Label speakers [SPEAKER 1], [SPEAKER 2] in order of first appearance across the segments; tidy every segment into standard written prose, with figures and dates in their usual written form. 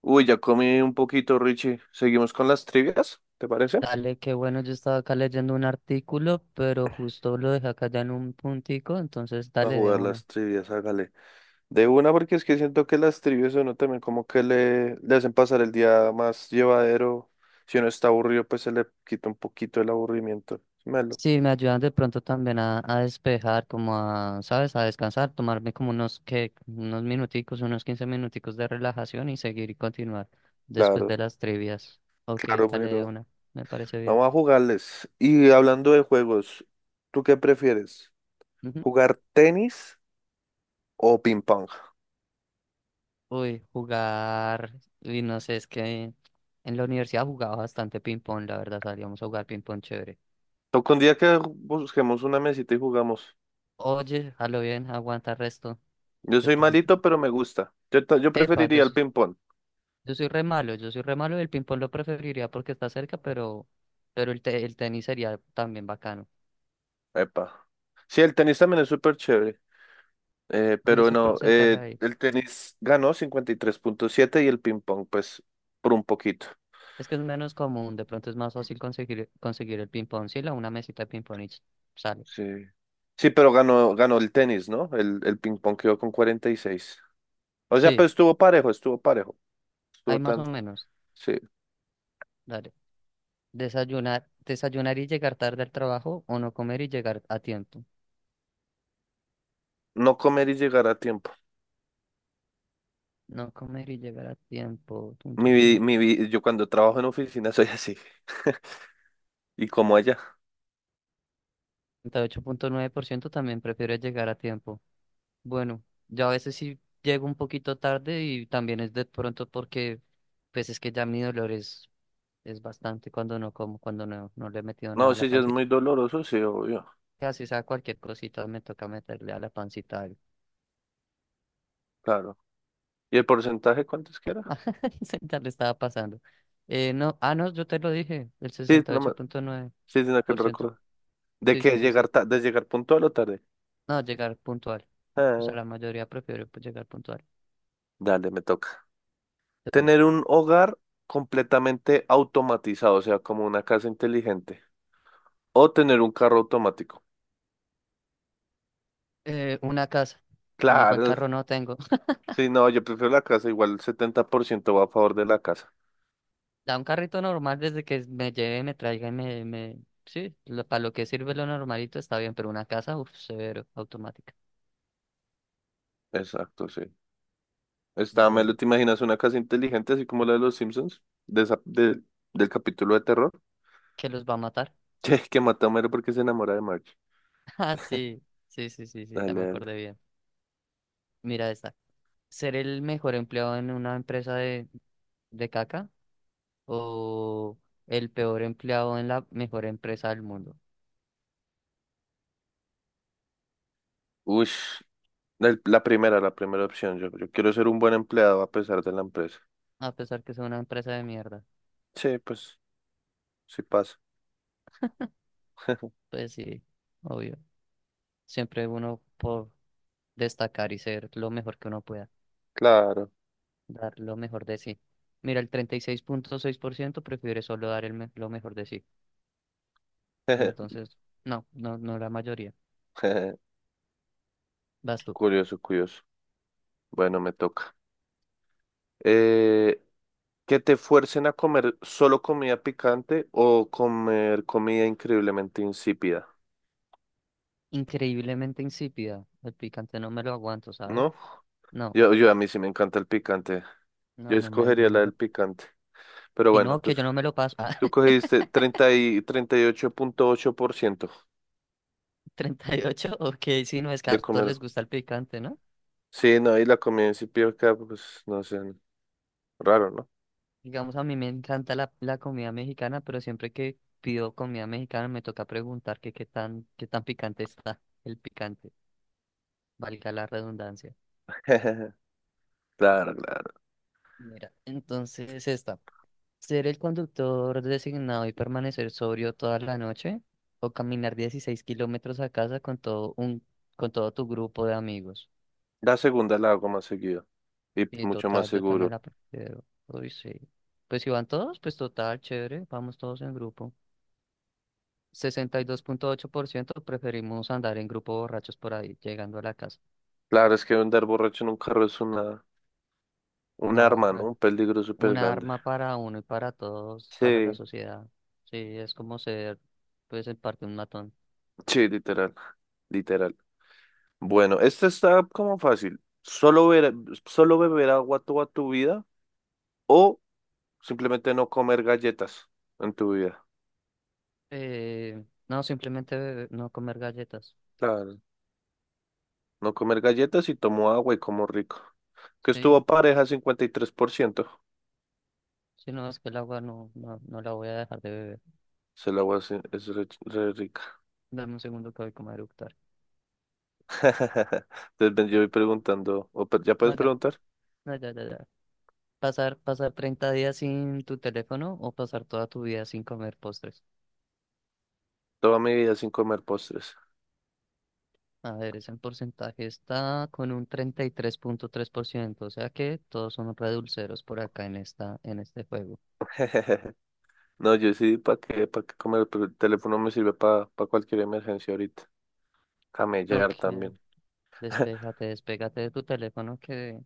[SPEAKER 1] Uy, ya comí un poquito, Richie. ¿Seguimos con las trivias? ¿Te parece?
[SPEAKER 2] Dale, qué bueno, yo estaba acá leyendo un artículo, pero justo lo dejé acá ya en un puntico, entonces
[SPEAKER 1] A
[SPEAKER 2] dale de
[SPEAKER 1] jugar
[SPEAKER 2] una.
[SPEAKER 1] las trivias, hágale. De una, porque es que siento que las trivias a uno también como que le hacen pasar el día más llevadero. Si uno está aburrido, pues se le quita un poquito el aburrimiento. Sí, Melo.
[SPEAKER 2] Sí, me ayudan de pronto también a despejar, como a, ¿sabes? A descansar, tomarme como unos, que unos minuticos, unos 15 minuticos de relajación y seguir y continuar después
[SPEAKER 1] Claro,
[SPEAKER 2] de las trivias. Ok,
[SPEAKER 1] claro,
[SPEAKER 2] dale de
[SPEAKER 1] pero
[SPEAKER 2] una, me parece bien.
[SPEAKER 1] vamos a jugarles. Y hablando de juegos, ¿tú qué prefieres?
[SPEAKER 2] Ujú.
[SPEAKER 1] ¿Jugar tenis o ping pong?
[SPEAKER 2] Uy, jugar, y no sé, es que en la universidad jugaba bastante ping-pong, la verdad, salíamos a jugar ping-pong chévere.
[SPEAKER 1] Toca un día que busquemos una mesita y jugamos.
[SPEAKER 2] Oye, a lo bien, aguanta resto.
[SPEAKER 1] Yo
[SPEAKER 2] De
[SPEAKER 1] soy
[SPEAKER 2] pronto.
[SPEAKER 1] malito, pero me gusta. Yo
[SPEAKER 2] Epa,
[SPEAKER 1] preferiría el ping-pong.
[SPEAKER 2] yo soy re malo, yo soy re malo y el ping-pong lo preferiría porque está cerca, pero el tenis sería también bacano.
[SPEAKER 1] Epa. Sí, el tenis también es súper chévere.
[SPEAKER 2] ¿Cuál es
[SPEAKER 1] Pero
[SPEAKER 2] el
[SPEAKER 1] no,
[SPEAKER 2] porcentaje ahí?
[SPEAKER 1] el tenis ganó 53.7 y el ping-pong, pues, por un poquito.
[SPEAKER 2] Es que es menos común, de pronto es más fácil conseguir el ping-pong. Sí, la una mesita de ping-pong y sale.
[SPEAKER 1] Sí. Sí, pero ganó el tenis, ¿no? El ping-pong quedó con 46. O sea,
[SPEAKER 2] Sí,
[SPEAKER 1] pues estuvo parejo, estuvo parejo.
[SPEAKER 2] hay
[SPEAKER 1] Estuvo
[SPEAKER 2] más
[SPEAKER 1] tan.
[SPEAKER 2] o menos.
[SPEAKER 1] Sí.
[SPEAKER 2] Dale. Desayunar y llegar tarde al trabajo o no comer y llegar a tiempo.
[SPEAKER 1] No comer y llegar a tiempo.
[SPEAKER 2] No comer y llegar a tiempo. Tun,
[SPEAKER 1] Mi,
[SPEAKER 2] tun,
[SPEAKER 1] vi-
[SPEAKER 2] tun.
[SPEAKER 1] mi, vi- yo cuando trabajo en oficina soy así. Y como allá.
[SPEAKER 2] 38.9% también prefiere llegar a tiempo. Bueno, yo a veces sí llego un poquito tarde y también es de pronto porque pues es que ya mi dolor es bastante cuando no como, cuando no le he metido nada
[SPEAKER 1] No,
[SPEAKER 2] a la
[SPEAKER 1] sí, ya es
[SPEAKER 2] pancita.
[SPEAKER 1] muy doloroso, sí, obvio.
[SPEAKER 2] Casi sea cualquier cosita me toca meterle a la pancita algo.
[SPEAKER 1] Claro. ¿Y el porcentaje cuánto es que era?
[SPEAKER 2] Ya le estaba pasando. No, no, yo te lo dije, el
[SPEAKER 1] Sí,
[SPEAKER 2] sesenta y
[SPEAKER 1] no me...
[SPEAKER 2] ocho punto nueve
[SPEAKER 1] Sí, sí, no que
[SPEAKER 2] por
[SPEAKER 1] no
[SPEAKER 2] ciento
[SPEAKER 1] recuerdo. ¿De
[SPEAKER 2] Sí,
[SPEAKER 1] qué?
[SPEAKER 2] sí, sí,
[SPEAKER 1] ¿Llegar
[SPEAKER 2] sí.
[SPEAKER 1] ta- ¿De llegar puntual o tarde?
[SPEAKER 2] No, llegar puntual. O sea,
[SPEAKER 1] Ah,
[SPEAKER 2] la mayoría prefiere, pues, llegar puntual.
[SPEAKER 1] dale, me toca.
[SPEAKER 2] De una.
[SPEAKER 1] Tener un hogar completamente automatizado, o sea, como una casa inteligente. O tener un carro automático.
[SPEAKER 2] Una casa. Igual
[SPEAKER 1] Claro.
[SPEAKER 2] carro no tengo.
[SPEAKER 1] Sí, no, yo prefiero la casa. Igual el 70% va a favor de la casa.
[SPEAKER 2] Da un carrito normal desde que me lleve, me traiga y me. Sí, para lo que sirve lo normalito está bien, pero una casa, uff, severo, automática.
[SPEAKER 1] Exacto, sí. Está, Melo,
[SPEAKER 2] Bueno,
[SPEAKER 1] ¿te imaginas una casa inteligente así como la de los Simpsons? De esa- de- del capítulo de terror.
[SPEAKER 2] ¿que los va a matar?
[SPEAKER 1] Che, que mata a Homero porque se enamora de Marge.
[SPEAKER 2] Ah, sí, sí, sí, sí, sí, ya
[SPEAKER 1] Dale,
[SPEAKER 2] me
[SPEAKER 1] dale.
[SPEAKER 2] acordé bien. Mira esta. ¿Ser el mejor empleado en una empresa de caca, o el peor empleado en la mejor empresa del mundo?
[SPEAKER 1] Uy. La primera opción. Yo quiero ser un buen empleado a pesar de la empresa.
[SPEAKER 2] A pesar que sea una empresa de mierda.
[SPEAKER 1] Sí, pues, sí pasa.
[SPEAKER 2] Pues sí, obvio. Siempre uno por destacar y ser lo mejor que uno pueda.
[SPEAKER 1] Claro.
[SPEAKER 2] Dar lo mejor de sí. Mira, el treinta y seis punto seis por ciento prefiere solo dar lo mejor de sí. Entonces, no, no, no la mayoría. Vas tú.
[SPEAKER 1] Curioso, curioso. Bueno, me toca. Eh, que te fuercen a comer solo comida picante o comer comida increíblemente insípida,
[SPEAKER 2] Increíblemente insípida. El picante no me lo aguanto, ¿sabes?
[SPEAKER 1] ¿no?
[SPEAKER 2] No,
[SPEAKER 1] Yo a mí sí me encanta el picante. Yo
[SPEAKER 2] no, no me,
[SPEAKER 1] escogería
[SPEAKER 2] no
[SPEAKER 1] la
[SPEAKER 2] me
[SPEAKER 1] del
[SPEAKER 2] lo.
[SPEAKER 1] picante. Pero
[SPEAKER 2] Y
[SPEAKER 1] bueno,
[SPEAKER 2] no, que
[SPEAKER 1] tú,
[SPEAKER 2] yo no me lo paso.
[SPEAKER 1] tú
[SPEAKER 2] Ah,
[SPEAKER 1] cogiste treinta y ocho punto ocho por ciento
[SPEAKER 2] 38, ok, sí no es que a
[SPEAKER 1] de
[SPEAKER 2] todos
[SPEAKER 1] comer.
[SPEAKER 2] les gusta el picante, ¿no?
[SPEAKER 1] Sí, no, y la comida insípida acá, pues, no sé. Raro, ¿no?
[SPEAKER 2] Digamos, a mí me encanta la comida mexicana, pero siempre que pido comida mexicana me toca preguntar que qué tan picante está el picante. Valga la redundancia.
[SPEAKER 1] Claro, claro.
[SPEAKER 2] Mira, entonces es esta. Ser el conductor designado y permanecer sobrio toda la noche, o caminar 16 kilómetros a casa con con todo tu grupo de amigos.
[SPEAKER 1] La segunda la hago más seguido y
[SPEAKER 2] Y
[SPEAKER 1] mucho más
[SPEAKER 2] total, yo también
[SPEAKER 1] seguro.
[SPEAKER 2] la prefiero. Uy, sí. Pues si van todos, pues total, chévere, vamos todos en grupo. 62.8% preferimos andar en grupo borrachos por ahí, llegando a la casa.
[SPEAKER 1] Claro, es que andar borracho en un carro es un
[SPEAKER 2] No,
[SPEAKER 1] arma, ¿no? Un peligro súper
[SPEAKER 2] un
[SPEAKER 1] grande.
[SPEAKER 2] arma para uno y para todos, para la
[SPEAKER 1] Sí.
[SPEAKER 2] sociedad. Sí, es como ser, pues en parte, un matón.
[SPEAKER 1] Sí, literal, literal. Bueno, este está como fácil. Solo beber agua toda tu vida o simplemente no comer galletas en tu vida.
[SPEAKER 2] Eh, no, simplemente no comer galletas.
[SPEAKER 1] Claro. No comer galletas y tomo agua y como rico. Que
[SPEAKER 2] Sí,
[SPEAKER 1] estuvo pareja 53%.
[SPEAKER 2] si no es que el agua no la voy a dejar de beber.
[SPEAKER 1] Se la agua es re rica.
[SPEAKER 2] Dame un segundo que voy como a eructar.
[SPEAKER 1] Entonces ven, yo
[SPEAKER 2] Ya,
[SPEAKER 1] voy preguntando, ya puedes
[SPEAKER 2] no, ya,
[SPEAKER 1] preguntar,
[SPEAKER 2] no, ya, ya, ya. Pasar 30 días sin tu teléfono, o pasar toda tu vida sin comer postres.
[SPEAKER 1] toda mi vida sin comer postres.
[SPEAKER 2] A ver, ese porcentaje está con un treinta y tres punto tres por ciento, o sea que todos son redulceros por acá en en este juego.
[SPEAKER 1] No, yo sí, ¿para qué? ¿Para qué comer? Pero el teléfono me sirve para cualquier emergencia ahorita.
[SPEAKER 2] No,
[SPEAKER 1] Camellar
[SPEAKER 2] que
[SPEAKER 1] también.
[SPEAKER 2] despégate de tu teléfono que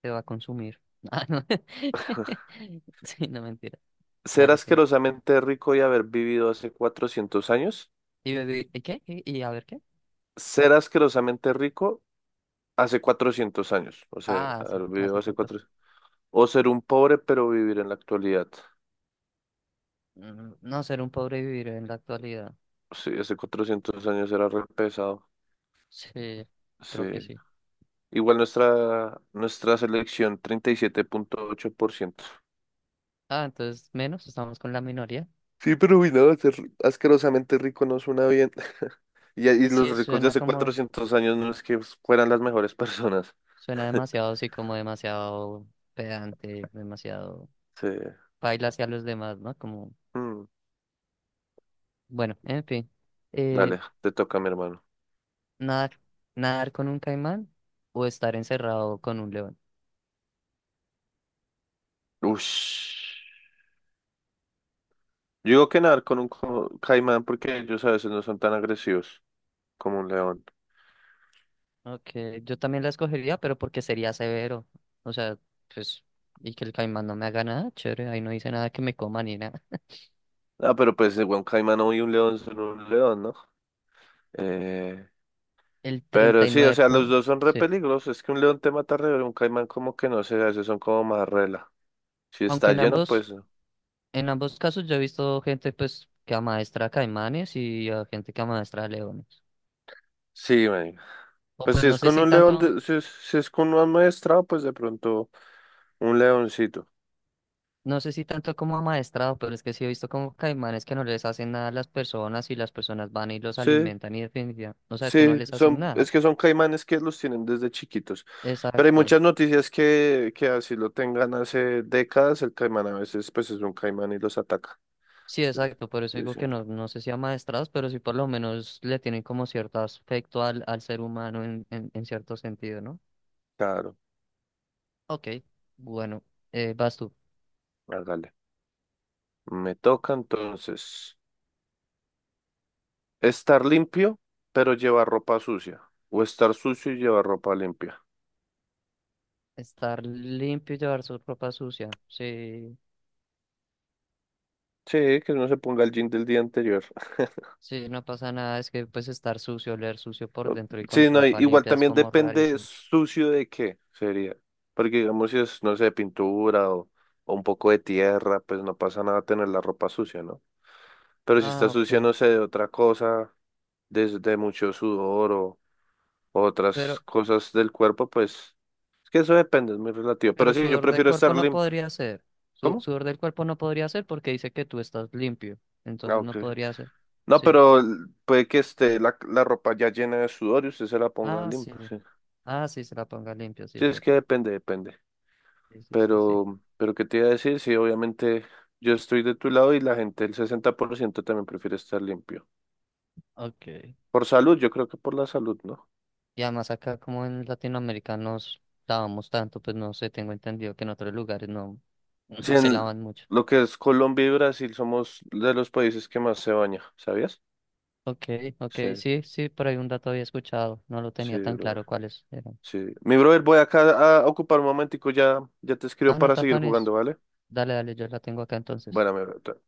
[SPEAKER 2] te va a consumir. Ah, no. Sí, no, mentira.
[SPEAKER 1] Ser
[SPEAKER 2] Dale tú.
[SPEAKER 1] asquerosamente rico y haber vivido hace 400 años.
[SPEAKER 2] ¿Y qué? ¿Y a ver qué?
[SPEAKER 1] Ser asquerosamente rico hace 400 años. O sea,
[SPEAKER 2] Ah, sí,
[SPEAKER 1] haber vivido
[SPEAKER 2] hace
[SPEAKER 1] hace
[SPEAKER 2] cuatro.
[SPEAKER 1] 400. O ser un pobre pero vivir en la actualidad.
[SPEAKER 2] No, ser un pobre y vivir en la actualidad.
[SPEAKER 1] Sí, hace 400 años era re pesado.
[SPEAKER 2] Sí,
[SPEAKER 1] Sí.
[SPEAKER 2] creo que sí.
[SPEAKER 1] Igual nuestra selección, 37.8%.
[SPEAKER 2] Ah, entonces menos, estamos con la minoría.
[SPEAKER 1] Sí, pero uy, no, ser asquerosamente rico no suena bien. Y los
[SPEAKER 2] Sí,
[SPEAKER 1] ricos de
[SPEAKER 2] suena
[SPEAKER 1] hace
[SPEAKER 2] como,
[SPEAKER 1] 400 años no es que fueran las mejores personas.
[SPEAKER 2] suena demasiado, sí, como demasiado pedante, demasiado
[SPEAKER 1] Sí.
[SPEAKER 2] baila hacia los demás, ¿no? Como,
[SPEAKER 1] Mm,
[SPEAKER 2] bueno, en fin. Eh,
[SPEAKER 1] dale, te toca, mi hermano.
[SPEAKER 2] nada, Nadar con un caimán o estar encerrado con un león.
[SPEAKER 1] Ush. Yo digo que nadar con un caimán porque ellos a veces no son tan agresivos como un león.
[SPEAKER 2] Ok, yo también la escogería, pero porque sería severo. O sea, pues, y que el caimán no me haga nada, chévere, ahí no dice nada que me coma ni nada.
[SPEAKER 1] Ah, pero pues, bueno, un caimán y un león son un león, ¿no? Eh,
[SPEAKER 2] El
[SPEAKER 1] Pero sí, o
[SPEAKER 2] 39
[SPEAKER 1] sea, los
[SPEAKER 2] punto,
[SPEAKER 1] dos son re
[SPEAKER 2] sí.
[SPEAKER 1] peligrosos. Es que un león te mata re, pero un caimán como que no sé, esos son como más rela. Si
[SPEAKER 2] Aunque
[SPEAKER 1] está
[SPEAKER 2] en
[SPEAKER 1] lleno,
[SPEAKER 2] ambos,
[SPEAKER 1] pues
[SPEAKER 2] en ambos casos yo he visto gente pues que amaestra caimanes y a gente que amaestra leones.
[SPEAKER 1] sí, marica.
[SPEAKER 2] O
[SPEAKER 1] Pues
[SPEAKER 2] pues
[SPEAKER 1] si es con un león, si es con un amaestrado, pues de pronto un leoncito.
[SPEAKER 2] no sé si tanto como amaestrado, pero es que sí he visto como caimanes que no les hacen nada a las personas y las personas van y los
[SPEAKER 1] Sí,
[SPEAKER 2] alimentan y, definitivamente, no sabes que no
[SPEAKER 1] sí,
[SPEAKER 2] les hacen
[SPEAKER 1] son,
[SPEAKER 2] nada.
[SPEAKER 1] es que son caimanes que los tienen desde chiquitos. Pero hay
[SPEAKER 2] Exacto.
[SPEAKER 1] muchas noticias que así lo tengan hace décadas, el caimán a veces pues es un caimán y los ataca.
[SPEAKER 2] Sí,
[SPEAKER 1] Entonces,
[SPEAKER 2] exacto, por eso digo
[SPEAKER 1] dicen,
[SPEAKER 2] que no, no sé si amaestrados, pero sí por lo menos le tienen como cierto aspecto al ser humano en cierto sentido, ¿no?
[SPEAKER 1] claro,
[SPEAKER 2] Ok, bueno, vas tú.
[SPEAKER 1] hágale. Me toca entonces. Estar limpio, pero llevar ropa sucia. O estar sucio y llevar ropa limpia.
[SPEAKER 2] Estar limpio y llevar su ropa sucia. Sí,
[SPEAKER 1] Sí, que no se ponga el jean del día anterior.
[SPEAKER 2] sí, no pasa nada, es que pues estar sucio, oler sucio por dentro y con
[SPEAKER 1] Sí, no,
[SPEAKER 2] ropa
[SPEAKER 1] igual
[SPEAKER 2] limpia es
[SPEAKER 1] también
[SPEAKER 2] como
[SPEAKER 1] depende
[SPEAKER 2] rarísimo.
[SPEAKER 1] sucio de qué sería. Porque digamos si es, no sé, pintura o un poco de tierra, pues no pasa nada tener la ropa sucia, ¿no? Pero si está
[SPEAKER 2] Ah,
[SPEAKER 1] sucia,
[SPEAKER 2] ok,
[SPEAKER 1] no sé, de otra cosa, desde mucho sudor o otras
[SPEAKER 2] pero,
[SPEAKER 1] cosas del cuerpo, pues es que eso depende, es muy relativo. Pero
[SPEAKER 2] pero
[SPEAKER 1] sí, yo
[SPEAKER 2] sudor del
[SPEAKER 1] prefiero
[SPEAKER 2] cuerpo
[SPEAKER 1] estar
[SPEAKER 2] no
[SPEAKER 1] limpio.
[SPEAKER 2] podría ser.
[SPEAKER 1] ¿Cómo?
[SPEAKER 2] Sudor del cuerpo no podría ser porque dice que tú estás limpio,
[SPEAKER 1] Ah,
[SPEAKER 2] entonces
[SPEAKER 1] ok.
[SPEAKER 2] no podría ser.
[SPEAKER 1] No,
[SPEAKER 2] Sí.
[SPEAKER 1] pero puede que esté la ropa ya llena de sudor y usted se la ponga
[SPEAKER 2] Ah, sí.
[SPEAKER 1] limpia. Sí,
[SPEAKER 2] Ah, sí, se la ponga limpio, sí,
[SPEAKER 1] sí,
[SPEAKER 2] es
[SPEAKER 1] es que
[SPEAKER 2] verdad.
[SPEAKER 1] depende, depende.
[SPEAKER 2] Sí, sí, sí, sí.
[SPEAKER 1] Pero ¿qué te iba a decir? Sí, obviamente yo estoy de tu lado y la gente, el 60% también prefiere estar limpio.
[SPEAKER 2] Ok.
[SPEAKER 1] Por salud, yo creo que por la salud, ¿no?
[SPEAKER 2] Y además acá como en latinoamericanos lavamos tanto, pues no sé, tengo entendido que en otros lugares no,
[SPEAKER 1] Sí,
[SPEAKER 2] no se
[SPEAKER 1] en
[SPEAKER 2] lavan mucho.
[SPEAKER 1] lo que es Colombia y Brasil somos de los países que más se baña, ¿sabías?
[SPEAKER 2] Ok, ok,
[SPEAKER 1] Sí,
[SPEAKER 2] sí, sí, por ahí un dato había escuchado, no lo
[SPEAKER 1] sí,
[SPEAKER 2] tenía tan
[SPEAKER 1] brother.
[SPEAKER 2] claro cuáles eran.
[SPEAKER 1] Sí. Mi brother, voy acá a ocupar un momentico, ya, ya te escribo
[SPEAKER 2] Ah, no,
[SPEAKER 1] para seguir jugando,
[SPEAKER 2] tapanes,
[SPEAKER 1] ¿vale?
[SPEAKER 2] dale, dale, yo la tengo acá entonces.
[SPEAKER 1] Bueno, mi brother.